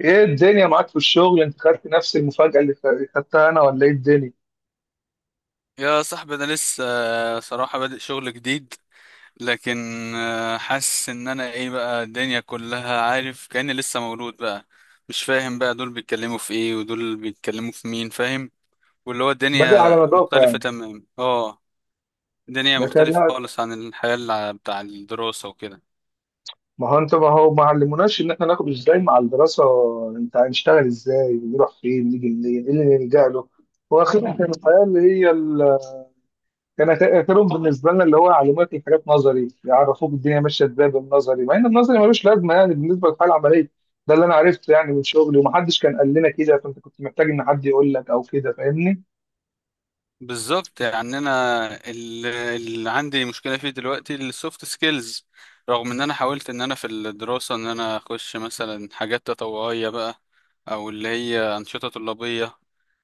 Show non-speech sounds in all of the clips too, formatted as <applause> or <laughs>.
ايه الدنيا معاك في الشغل؟ يعني انت خدت نفس المفاجأة اللي خدتها انا، ولا ايه الدنيا؟ يا صاحبي انا لسه صراحة بادئ شغل جديد. لكن حاسس ان انا ايه بقى الدنيا كلها عارف كأني لسه مولود بقى. مش فاهم بقى دول بيتكلموا في ايه ودول بيتكلموا في مين فاهم. واللي هو بدأ الدنيا على نظافة مختلفة يعني. تمام. اه. الدنيا لكن مختلفة لا، خالص عن الحياة بتاع الدراسة وكده. ما هو ما علموناش ان احنا ناخد ازاي مع الدراسة. انت هنشتغل ازاي، ونروح فين، نيجي منين، ايه اللي نلجأ له؟ واخيرا كان الحياة اللي هي. كان اخرهم بالنسبة لنا اللي هو يعلموك الحاجات نظري، يعرفوك الدنيا ماشية ازاي بالنظري، مع ان النظري ملوش لازمة يعني بالنسبة للحياة العملية. ده اللي انا عرفته يعني من شغلي، ومحدش كان قال لنا كده، فانت كنت محتاج ان حد يقول لك او كده، فاهمني؟ بالظبط، يعني انا اللي عندي مشكله فيه دلوقتي السوفت سكيلز، رغم ان انا حاولت ان انا في الدراسه ان انا اخش مثلا حاجات تطوعيه بقى، او اللي هي انشطه طلابيه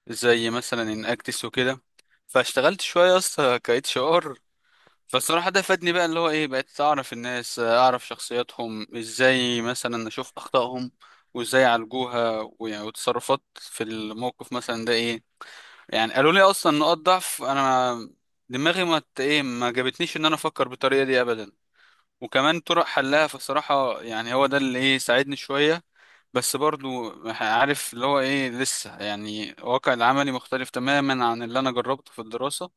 زي مثلا ان اكتس وكده. فاشتغلت شويه اصلا ك اتش ار. فالصراحه ده فادني بقى اللي هو ايه، بقيت اعرف الناس، اعرف شخصياتهم ازاي، مثلا اشوف اخطائهم وازاي يعالجوها، ويعني وتصرفات في الموقف مثلا ده ايه. يعني قالوا لي اصلا نقاط ضعف انا دماغي ما ت- ايه ما جابتنيش ان انا افكر بالطريقه دي ابدا، وكمان طرق حلها. فصراحه يعني هو ده اللي ايه ساعدني شويه. بس برضو عارف اللي هو ايه لسه، يعني الواقع العملي مختلف تماما عن اللي انا جربته في الدراسه.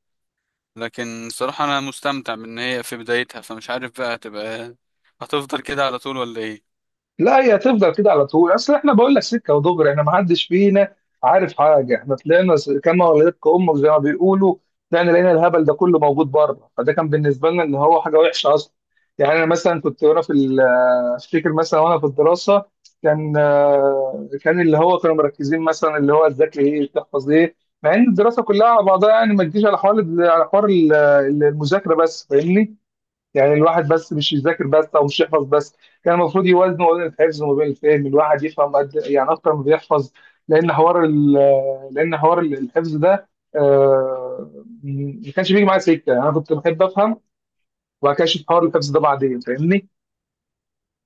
لكن صراحه انا مستمتع بان هي في بدايتها، فمش عارف بقى هتفضل كده على طول ولا ايه. لا، هي هتفضل كده على طول. اصل احنا بقول لك سكه ودغري، احنا ما حدش فينا عارف حاجه. احنا طلعنا كما ولدتك امك زي ما بيقولوا. طلعنا لقينا الهبل ده كله موجود بره، فده كان بالنسبه لنا ان هو حاجه وحشه اصلا. يعني انا مثلا كنت وانا افتكر مثلا وانا في الدراسه، كان اللي هو كانوا مركزين مثلا اللي هو تذاكر ايه، تحفظ ايه، مع ان الدراسه كلها على بعضها يعني ما تجيش على حوار، على حوار ال- المذاكره بس، فاهمني؟ يعني الواحد بس مش يذاكر بس، او مش يحفظ بس. كان المفروض يوازنوا وزن الحفظ وما بين الفهم، الواحد يفهم قد يعني اكتر ما بيحفظ، لان حوار ال- لان حوار الحفظ ده، آه، ما كانش بيجي معايا سكه. انا كنت بحب افهم، وبعد كده اشوف حوار الحفظ ده بعدين، فاهمني؟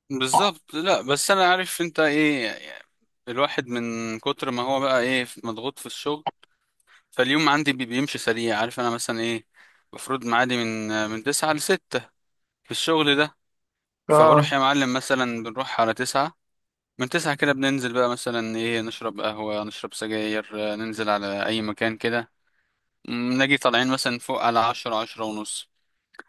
بالظبط. لا بس انا عارف انت ايه، الواحد من كتر ما هو بقى ايه مضغوط في الشغل. فاليوم عندي بيمشي سريع. عارف انا مثلا ايه، المفروض معادي من تسعة لستة في الشغل ده. فبروح اه، يا معلم مثلا، بنروح على تسعة. من تسعة كده بننزل بقى مثلا ايه، نشرب قهوة، نشرب سجاير، ننزل على أي مكان كده. نجي طالعين مثلا فوق على عشرة، عشرة ونص،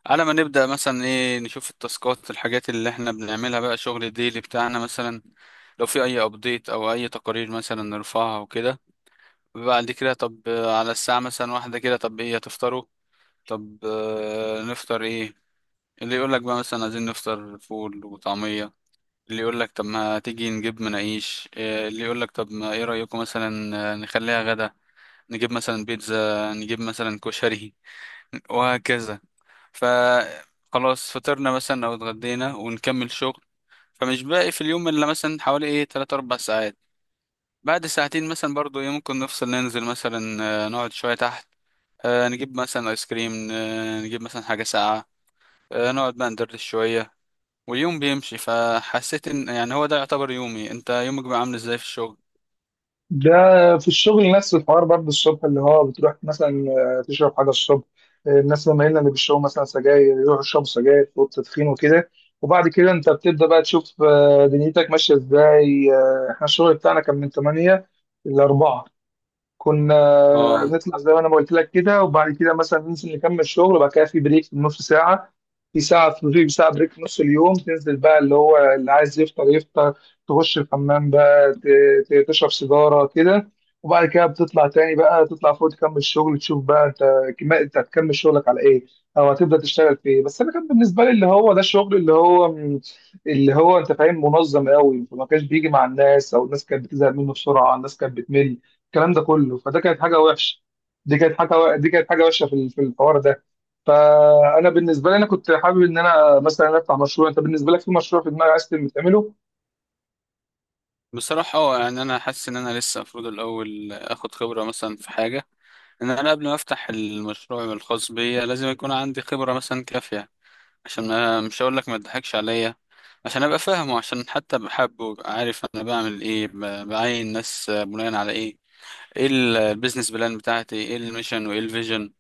على ما نبدأ مثلا ايه نشوف التاسكات، الحاجات اللي احنا بنعملها بقى، شغل الديلي بتاعنا مثلا. لو في أي أبديت أو أي تقارير مثلا نرفعها وكده. بعد كده طب على الساعة مثلا واحدة كده، طب ايه هتفطروا؟ طب نفطر ايه؟ اللي يقول لك بقى مثلا عايزين نفطر فول وطعمية، اللي يقول لك طب ما تيجي نجيب مناقيش، اللي يقول لك طب ما ايه رأيكم مثلا نخليها غدا، نجيب مثلا بيتزا، نجيب مثلا كشري. <laughs> وهكذا. ف خلاص، فطرنا مثلا او اتغدينا ونكمل شغل. فمش باقي في اليوم الا مثلا حوالي ايه 3 4 ساعات. بعد ساعتين مثلا برضو ايه ممكن نفصل، ننزل مثلا نقعد شوية تحت، نجيب مثلا ايس كريم، نجيب مثلا حاجة ساقعة، نقعد بقى ندردش شوية. واليوم بيمشي. فحسيت ان يعني هو ده يعتبر يومي. انت يومك بقى عامل ازاي في الشغل؟ ده في الشغل نفس الحوار برضه. الصبح اللي هو بتروح مثلا، تشرب حاجه الصبح، الناس مايلين اللي بيشربوا مثلا سجاير يروحوا يشربوا سجاير في اوضه تدخين وكده. وبعد كده انت بتبدا بقى تشوف دنيتك ماشيه ازاي. احنا الشغل بتاعنا كان من 8 ل 4. كنا اه. نطلع زي ما انا ما قلت لك كده، وبعد كده مثلا ننزل نكمل شغل، وبعد كده في بريك في نص ساعه، في ساعه بريك في نص اليوم. تنزل بقى، اللي هو اللي عايز يفطر يفطر، تخش الحمام بقى، تشرب سيجاره كده، وبعد كده بتطلع تاني بقى، تطلع فوق تكمل شغل، تشوف بقى انت كما انت هتكمل شغلك على ايه، او هتبدا تشتغل في ايه. بس انا كان بالنسبه لي اللي هو ده الشغل اللي هو اللي هو انت فاهم منظم قوي، ما كانش بيجي مع الناس، او الناس كانت بتزهق منه بسرعه، الناس كانت بتمل الكلام ده كله، فده كانت حاجه وحشه. دي كانت حاجه وحشه في الحوار ده. فانا بالنسبه لي انا كنت حابب ان انا مثلا افتح مشروع. انت بالنسبه لك في مشروع في دماغك عايز تعمله؟ بصراحة اه يعني انا حاسس ان انا لسه المفروض الاول اخد خبرة مثلا في حاجة، ان انا قبل ما افتح المشروع الخاص بيا لازم يكون عندي خبرة مثلا كافية، عشان ما مش هقول لك ما تضحكش عليا. عشان ابقى فاهمه، عشان حتى بحبه، وأبقى عارف انا بعمل ايه، بعين ناس بناء على ايه، ايه البيزنس بلان بتاعتي، ايه الميشن وايه الفيجن.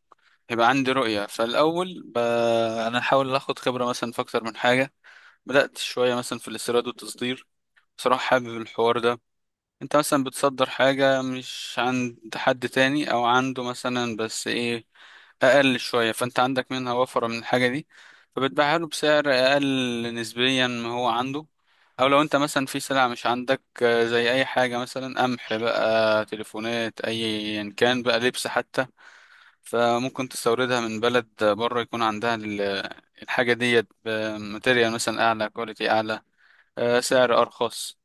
هيبقى عندي رؤية. فالأول أنا أحاول أخد خبرة مثلا في أكتر من حاجة. بدأت شوية مثلا في الاستيراد والتصدير. بصراحة حابب الحوار ده. أنت مثلا بتصدر حاجة مش عند حد تاني، أو عنده مثلا بس إيه أقل شوية، فأنت عندك منها وفرة من الحاجة دي، فبتبيعها له بسعر أقل نسبيا ما هو عنده. أو لو أنت مثلا في سلعة مش عندك، زي أي حاجة مثلا قمح بقى، تليفونات، أيا كان بقى، لبس حتى، فممكن تستوردها من بلد بره يكون عندها الحاجة ديت بماتيريال مثلا أعلى، كواليتي أعلى، سعر أرخص.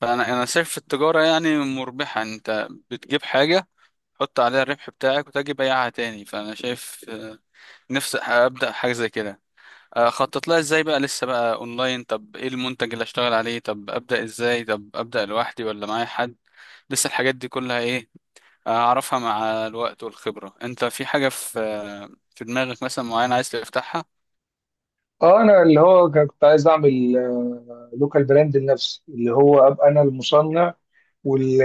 فأنا شايف التجارة يعني مربحة، يعني أنت بتجيب حاجة، تحط عليها الربح بتاعك وتجي بيعها تاني. فأنا شايف نفسي أبدأ حاجة زي كده. خطط لها إزاي بقى لسه، بقى أونلاين، طب إيه المنتج اللي أشتغل عليه، طب أبدأ إزاي، طب أبدأ لوحدي ولا معايا حد. لسه الحاجات دي كلها إيه، اعرفها مع الوقت والخبرة. انت في حاجة في في دماغك مثلا معينة عايز تفتحها؟ اه، انا اللي هو كنت عايز اعمل لوكال براند لنفسي، اللي هو ابقى انا المصنع وال...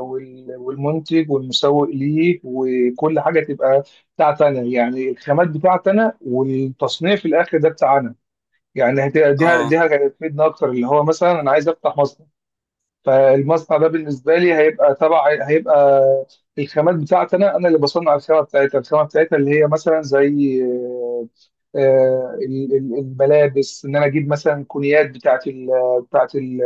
والمنتج والمسوق ليه، وكل حاجه تبقى بتاعتي انا، يعني الخامات بتاعتي انا والتصنيع في الاخر ده بتاعنا. يعني هت- دي اه. دي هتفيدنا اكتر. اللي هو مثلا انا عايز افتح مصنع، فالمصنع ده بالنسبه لي هيبقى تبع، هيبقى الخامات بتاعتي انا، انا اللي بصنع الخامه بتاعتها. الخامه بتاعتها اللي هي مثلا زي الملابس، ان انا اجيب مثلا كونيات بتاعت ال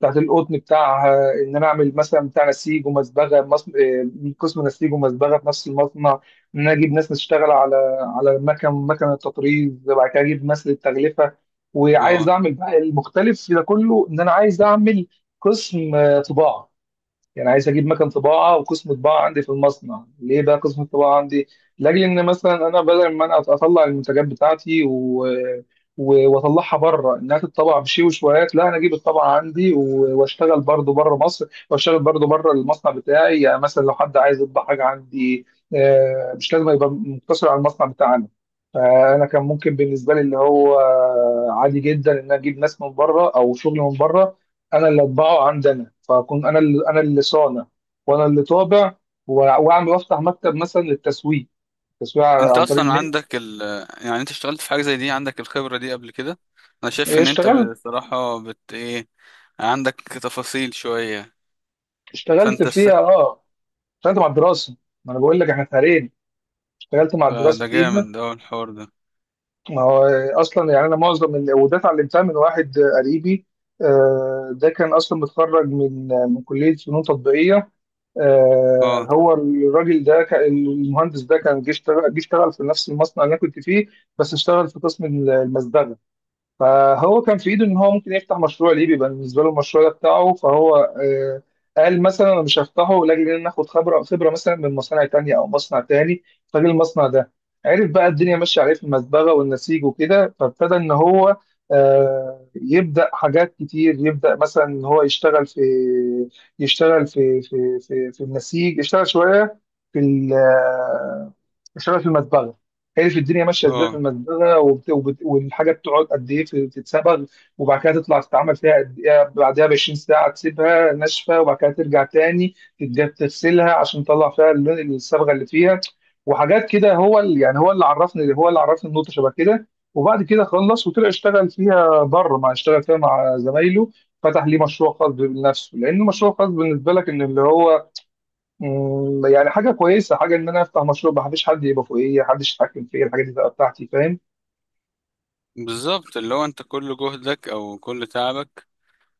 بتاعت القطن بتاعها، ان انا اعمل مثلا بتاع نسيج ومصبغه، من قسم نسيج ومصبغه في نفس المصنع. ان انا اجيب ناس تشتغل على، على مكن التطريز، وبعد كده اجيب ناس للتغلفه. وعايز اه اعمل بقى المختلف في ده كله، ان انا عايز اعمل قسم طباعه. يعني عايز اجيب مكان طباعه وقسم طباعه عندي في المصنع. ليه بقى قسم الطباعه عندي؟ لاجل ان مثلا انا بدل ما انا اطلع المنتجات بتاعتي واطلعها بره انها تتطبع بشي وشويات، لا، انا اجيب الطبعه عندي واشتغل برضو بره مصر، واشتغل برضو بره المصنع بتاعي. يعني مثلا لو حد عايز يطبع حاجه عندي، مش لازم يبقى مقتصر على المصنع بتاعنا. فانا كان ممكن بالنسبه لي اللي هو عادي جدا ان أنا اجيب ناس من بره او شغل من بره، انا اللي اطبعه عندنا، فاكون انا اللي صانع، وانا اللي طابع، واعمل وافتح مكتب مثلا للتسويق، تسويق انت عن طريق اصلا النت. عندك ال، يعني انت اشتغلت في حاجة زي دي، عندك الخبرة دي قبل كده؟ انا شايف إيه، ان انت اشتغلت. بصراحة بت ايه، عندك تفاصيل شوية. اشتغلت فانت فيها است... اه. اشتغلت مع الدراسه. ما انا بقول لك احنا فريقين، اشتغلت مع ده الدراسه ده جامد فيها. ده الحوار ده. ما هو اصلا يعني انا معظم اللي وده اتعلمتها من واحد قريبي. ده كان اصلا متخرج من كليه فنون تطبيقيه. اه. هو الراجل ده المهندس ده كان جه اشتغل في نفس المصنع اللي انا كنت فيه، بس اشتغل في قسم المصدغه. فهو كان في ايده ان هو ممكن يفتح مشروع ليه، بيبقى بالنسبه له المشروع ده بتاعه، فهو قال مثلا انا مش هفتحه لاجل ان انا اخد خبره، خبره مثلا من مصانع تانية او مصنع تاني. فجه المصنع ده، عرف بقى الدنيا ماشيه عليه في المزبغه والنسيج وكده، فابتدى ان هو يبدا حاجات كتير، يبدا مثلا ان هو يشتغل في في النسيج، يشتغل شويه في ال- آه، يشتغل في المزبغه. عرف الدنيا ماشيه ازاي في اه المزبله، والحاجه بتقعد قد ايه تتصبغ، وبعد كده تطلع تتعمل فيها قد ايه، بعدها ب 20 ساعه تسيبها ناشفه، وبعد كده ترجع تاني تغسلها عشان تطلع فيها اللون، الصبغه اللي فيها، وحاجات كده. هو اللي يعني هو اللي عرفني النقطه شبه كده. وبعد كده خلص وطلع اشتغل فيها بره، مع، اشتغل فيها مع زمايله. فتح ليه مشروع خاص بنفسه، لان المشروع خاص بالنسبه لك ان اللي هو يعني حاجة كويسة، حاجة إن أنا أفتح مشروع ما حدش يبقى فوقيا، حدش يتحكم فيا، الحاجات دي تبقى بتاعتي، فاهم؟ بالظبط، اللي هو انت كل جهدك او كل تعبك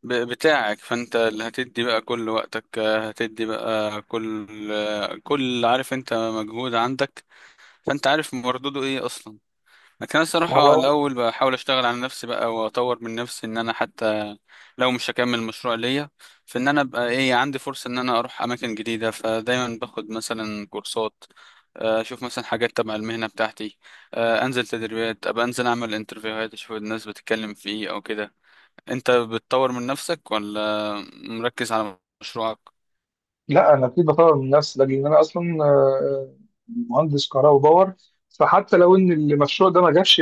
بتاعك، فانت اللي هتدي بقى كل وقتك، هتدي بقى كل كل عارف انت مجهود عندك، فانت عارف مردوده ايه اصلا. لكن انا الصراحه الاول بحاول اشتغل على نفسي بقى واطور من نفسي، ان انا حتى لو مش هكمل مشروع ليا، فان انا ابقى ايه عندي فرصه ان انا اروح اماكن جديده. فدايما باخد مثلا كورسات، اشوف مثلا حاجات تبع المهنه بتاعتي، انزل تدريبات، ابقى انزل اعمل انترفيوهات، اشوف الناس بتتكلم في ايه او كده. انت بتطور من نفسك ولا مركز على مشروعك؟ لا، انا اكيد بطور من نفسي، لان انا اصلا مهندس كهرباء وباور. فحتى لو ان المشروع ده ما جابش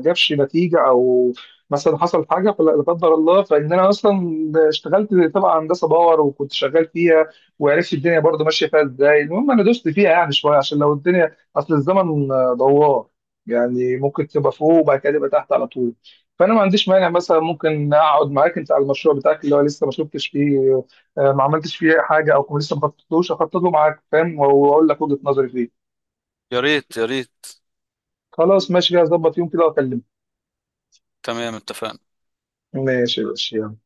جابش نتيجه، او مثلا حصل حاجه، لا قدر الله، فان انا اصلا اشتغلت طبعا هندسه باور، وكنت شغال فيها، وعرفت الدنيا برضو ماشيه فيها ازاي. المهم انا دوست فيها يعني شويه، عشان لو الدنيا، اصل الزمن دوار، يعني ممكن تبقى فوق وبعد كده تبقى تحت على طول. فانا ما عنديش مانع مثلا ممكن اقعد معاك انت على المشروع بتاعك اللي هو لسه ما شفتش فيه، ما عملتش فيه حاجه، او لسه ما خططتلوش، اخطط له معاك، فاهم، واقول لك وجهه نظري فيه. يا ريت يا ريت. خلاص، ماشي كده، هظبط يوم كده واكلمك. تمام، اتفقنا. ماشي يا باشا، يلا.